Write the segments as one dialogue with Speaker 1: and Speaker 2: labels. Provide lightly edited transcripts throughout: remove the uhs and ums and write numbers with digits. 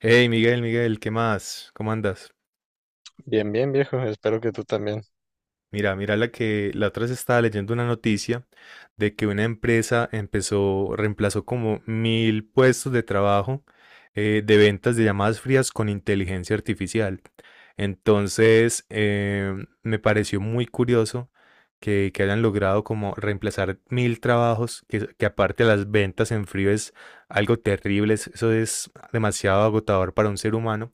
Speaker 1: Hey Miguel, Miguel, ¿qué más? ¿Cómo andas?
Speaker 2: Bien, bien, viejo. Espero que tú también.
Speaker 1: Mira la que la otra vez estaba leyendo una noticia de que una empresa empezó, reemplazó como mil puestos de trabajo de ventas de llamadas frías con inteligencia artificial. Entonces, me pareció muy curioso que hayan logrado como reemplazar mil trabajos, que aparte las ventas en frío es algo terrible, eso es demasiado agotador para un ser humano.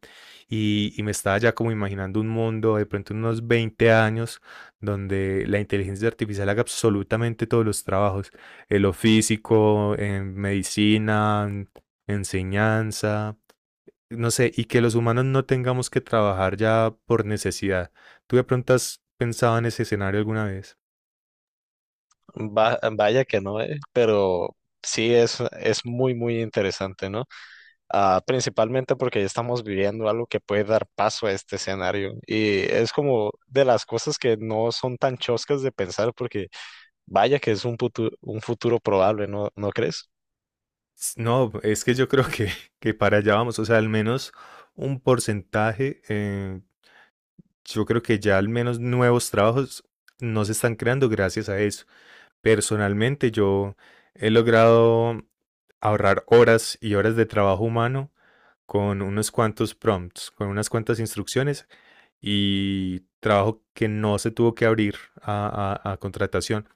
Speaker 1: Y me estaba ya como imaginando un mundo de pronto en unos 20 años donde la inteligencia artificial haga absolutamente todos los trabajos, en lo físico, en medicina, en enseñanza, no sé, y que los humanos no tengamos que trabajar ya por necesidad. ¿Tú de pronto has pensado en ese escenario alguna vez?
Speaker 2: Vaya que no, pero sí es muy, muy interesante, ¿no? Principalmente porque ya estamos viviendo algo que puede dar paso a este escenario. Y es como de las cosas que no son tan choscas de pensar, porque vaya que es un futuro probable, ¿no? ¿No crees?
Speaker 1: No, es que yo creo que para allá vamos, o sea, al menos un porcentaje, yo creo que ya al menos nuevos trabajos no se están creando gracias a eso. Personalmente yo he logrado ahorrar horas y horas de trabajo humano con unos cuantos prompts, con unas cuantas instrucciones y trabajo que no se tuvo que abrir a contratación.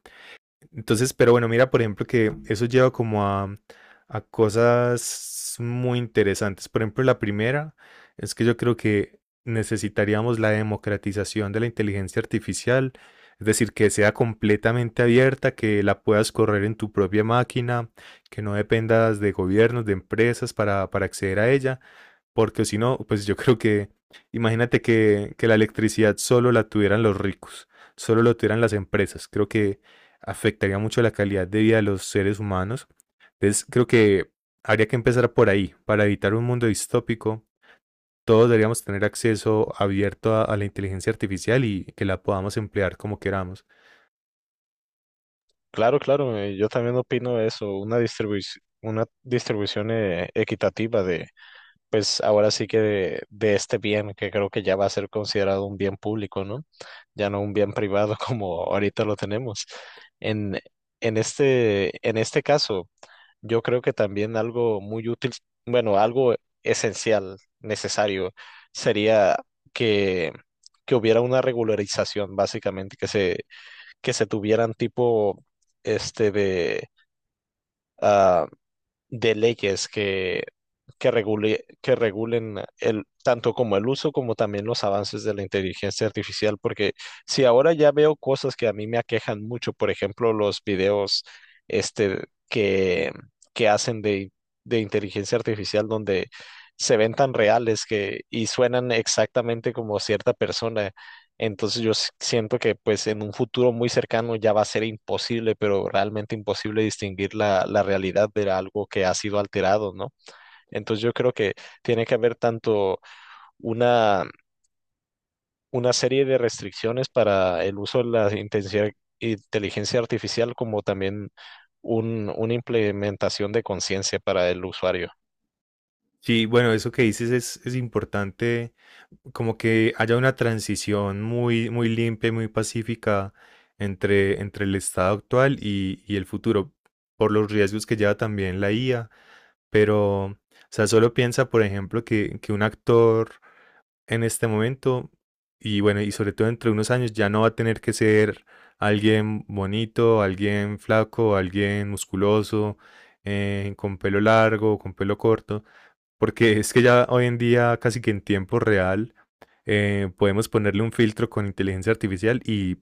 Speaker 1: Entonces, pero bueno, mira, por ejemplo, que eso lleva como a cosas muy interesantes. Por ejemplo, la primera es que yo creo que necesitaríamos la democratización de la inteligencia artificial, es decir, que sea completamente abierta, que la puedas correr en tu propia máquina, que no dependas de gobiernos, de empresas para acceder a ella, porque si no, pues yo creo que, imagínate que la electricidad solo la tuvieran los ricos, solo lo tuvieran las empresas. Creo que afectaría mucho la calidad de vida de los seres humanos. Entonces, creo que habría que empezar por ahí, para evitar un mundo distópico. Todos deberíamos tener acceso abierto a la inteligencia artificial y que la podamos emplear como queramos.
Speaker 2: Claro, claro. Yo también opino eso. Una distribución equitativa de, pues ahora sí que de este bien, que creo que ya va a ser considerado un bien público, ¿no? Ya no un bien privado como ahorita lo tenemos. En, en este caso, yo creo que también algo muy útil, bueno, algo esencial, necesario, sería que, que hubiera una regularización, básicamente, que se tuvieran tipo este de ah, de leyes que, regule, que regulen el, tanto como el uso como también los avances de la inteligencia artificial, porque si ahora ya veo cosas que a mí me aquejan mucho, por ejemplo, los videos este, que, que hacen de inteligencia artificial donde se ven tan reales que, y suenan exactamente como cierta persona. Entonces yo siento que pues en un futuro muy cercano ya va a ser imposible, pero realmente imposible distinguir la realidad de algo que ha sido alterado, ¿no? Entonces yo creo que tiene que haber tanto una, una serie de restricciones para el uso de la inteligencia artificial como también una implementación de conciencia para el usuario.
Speaker 1: Sí, bueno, eso que dices es importante como que haya una transición muy limpia y muy pacífica entre el estado actual y el futuro, por los riesgos que lleva también la IA. Pero, o sea, solo piensa, por ejemplo, que un actor en este momento, y bueno, y sobre todo entre unos años, ya no va a tener que ser alguien bonito, alguien flaco, alguien musculoso, con pelo largo, con pelo corto, porque es que ya hoy en día, casi que en tiempo real, podemos ponerle un filtro con inteligencia artificial y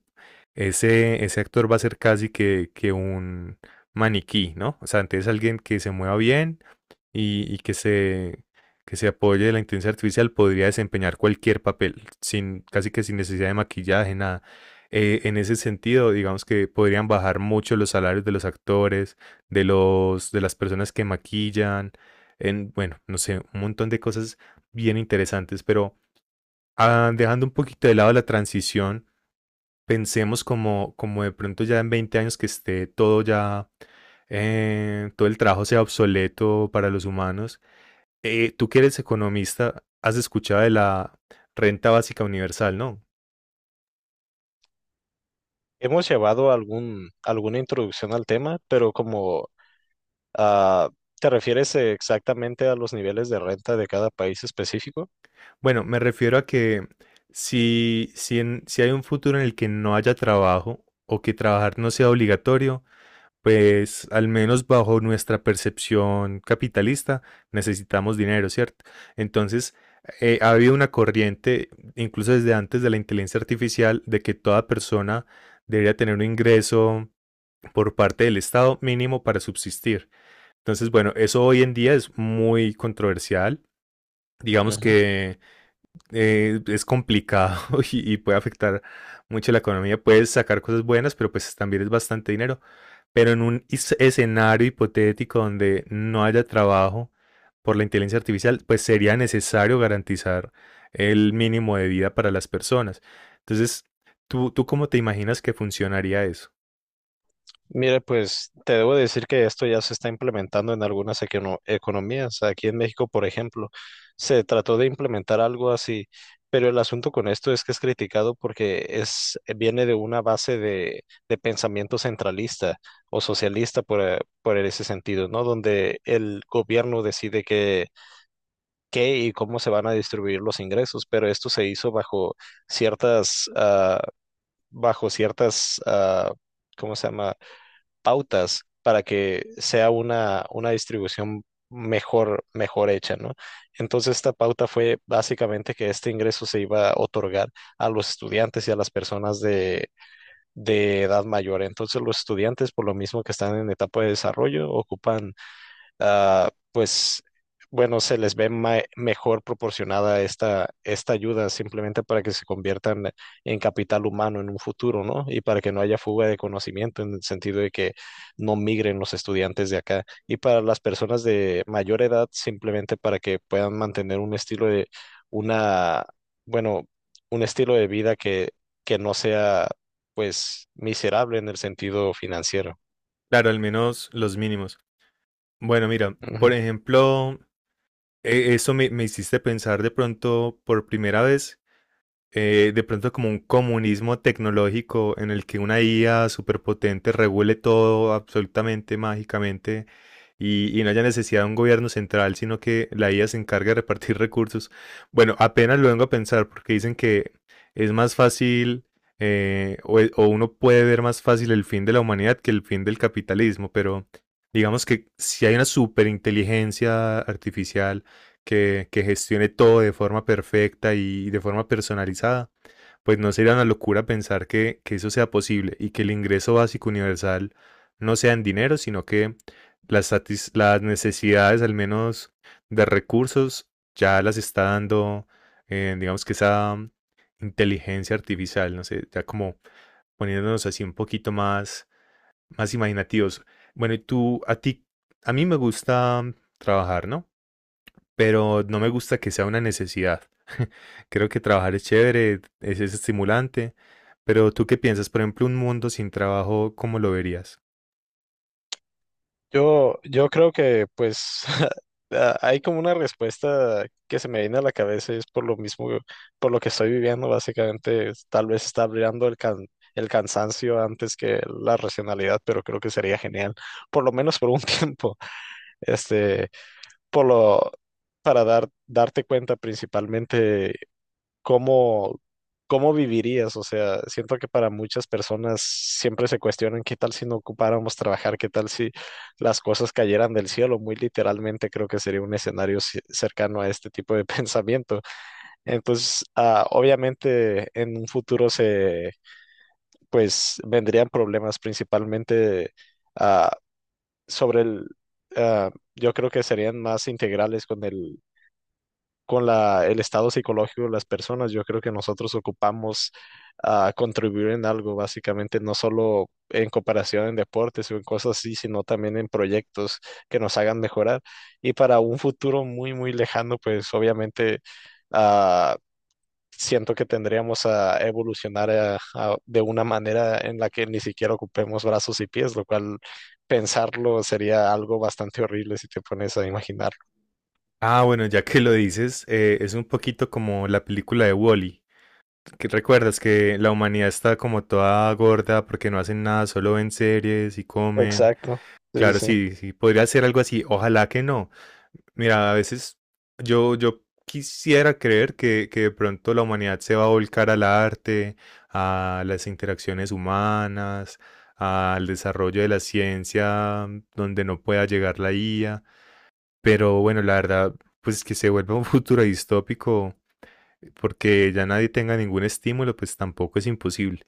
Speaker 1: ese actor va a ser casi que un maniquí, ¿no? O sea, entonces alguien que se mueva bien y que se apoye de la inteligencia artificial podría desempeñar cualquier papel, sin, casi que sin necesidad de maquillaje, nada. En ese sentido, digamos que podrían bajar mucho los salarios de los actores, de las personas que maquillan en, bueno, no sé, un montón de cosas bien interesantes, pero dejando un poquito de lado la transición, pensemos como de pronto ya en 20 años que esté todo ya, todo el trabajo sea obsoleto para los humanos. Tú que eres economista, has escuchado de la renta básica universal, ¿no?
Speaker 2: Hemos llevado algún, alguna introducción al tema, pero como Ah, ¿te refieres exactamente a los niveles de renta de cada país específico?
Speaker 1: Bueno, me refiero a que si hay un futuro en el que no haya trabajo o que trabajar no sea obligatorio, pues al menos bajo nuestra percepción capitalista, necesitamos dinero, ¿cierto? Entonces, ha habido una corriente, incluso desde antes de la inteligencia artificial, de que toda persona debería tener un ingreso por parte del Estado mínimo para subsistir. Entonces, bueno, eso hoy en día es muy controversial. Digamos
Speaker 2: Ujú.
Speaker 1: que es complicado y puede afectar mucho la economía. Puedes sacar cosas buenas, pero pues también es bastante dinero. Pero en un escenario hipotético donde no haya trabajo por la inteligencia artificial, pues sería necesario garantizar el mínimo de vida para las personas. Entonces, tú cómo te imaginas que funcionaría eso?
Speaker 2: Mire, pues te debo decir que esto ya se está implementando en algunas economías. Aquí en México, por ejemplo, se trató de implementar algo así, pero el asunto con esto es que es criticado porque es, viene de una base de pensamiento centralista o socialista por ese sentido, ¿no? Donde el gobierno decide qué y cómo se van a distribuir los ingresos, pero esto se hizo bajo ciertas, ah, bajo ciertas, ¿cómo se llama? Pautas para que sea una distribución mejor, mejor hecha, ¿no? Entonces esta pauta fue básicamente que este ingreso se iba a otorgar a los estudiantes y a las personas de edad mayor. Entonces los estudiantes, por lo mismo que están en etapa de desarrollo, ocupan pues bueno, se les ve mejor proporcionada esta, esta ayuda simplemente para que se conviertan en capital humano en un futuro, ¿no? Y para que no haya fuga de conocimiento en el sentido de que no migren los estudiantes de acá. Y para las personas de mayor edad, simplemente para que puedan mantener un estilo de una, bueno, un estilo de vida que no sea, pues, miserable en el sentido financiero.
Speaker 1: Claro, al menos los mínimos. Bueno, mira, por ejemplo, eso me hiciste pensar de pronto por primera vez de pronto como un comunismo tecnológico en el que una IA superpotente regule todo absolutamente mágicamente y no haya necesidad de un gobierno central, sino que la IA se encargue de repartir recursos. Bueno, apenas lo vengo a pensar porque dicen que es más fácil o uno puede ver más fácil el fin de la humanidad que el fin del capitalismo, pero digamos que si hay una superinteligencia artificial, que gestione todo de forma perfecta y de forma personalizada, pues no sería una locura pensar que eso sea posible y que el ingreso básico universal no sea en dinero, sino que las necesidades, al menos de recursos, ya las está dando, digamos que esa inteligencia artificial, no sé, ya como poniéndonos así un poquito más imaginativos. Bueno, y tú, a ti, a mí me gusta trabajar, ¿no? Pero no me gusta que sea una necesidad. Creo que trabajar es chévere, es estimulante, pero ¿tú qué piensas? Por ejemplo, un mundo sin trabajo, ¿cómo lo verías?
Speaker 2: Yo creo que pues a- hay como una respuesta que se me viene a la cabeza y es por lo mismo, por lo que estoy viviendo, básicamente, tal vez está brillando el el cansancio antes que la racionalidad, pero creo que sería genial, por lo menos por un tiempo, este, por lo, para dar, darte cuenta principalmente ¿cómo, cómo vivirías? O sea, siento que para muchas personas siempre se cuestionan qué tal si no ocupáramos trabajar, qué tal si las cosas cayeran del cielo. Muy literalmente creo que sería un escenario cercano a este tipo de pensamiento. Entonces, obviamente en un futuro pues, vendrían problemas principalmente ah, sobre el... ah, yo creo que serían más integrales con el con la, el estado psicológico de las personas. Yo creo que nosotros ocupamos contribuir en algo, básicamente, no solo en cooperación en deportes o en cosas así, sino también en proyectos que nos hagan mejorar. Y para un futuro muy, muy lejano, pues obviamente ah, siento que tendríamos a evolucionar de una manera en la que ni siquiera ocupemos brazos y pies, lo cual pensarlo sería algo bastante horrible si te pones a imaginarlo.
Speaker 1: Ah, bueno, ya que lo dices, es un poquito como la película de Wall-E. Que recuerdas que la humanidad está como toda gorda porque no hacen nada, solo ven series y comen.
Speaker 2: Exacto. Sí, sí,
Speaker 1: Claro,
Speaker 2: sí.
Speaker 1: sí, sí, podría ser algo así. Ojalá que no. Mira, a veces yo quisiera creer que de pronto la humanidad se va a volcar al arte, a las interacciones humanas, al desarrollo de la ciencia, mm, donde no pueda llegar la IA. Pero bueno, la verdad, pues que se vuelva un futuro distópico porque ya nadie tenga ningún estímulo, pues tampoco es imposible.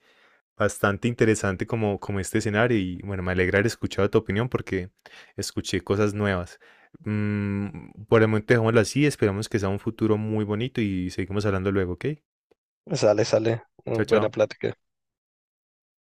Speaker 1: Bastante interesante como, como este escenario y bueno, me alegra haber escuchado tu opinión porque escuché cosas nuevas. Mm, por el momento dejémoslo así, esperamos que sea un futuro muy bonito y seguimos hablando luego, ¿ok?
Speaker 2: Sale, sale.
Speaker 1: Chao,
Speaker 2: Mm,
Speaker 1: chao.
Speaker 2: buena plática.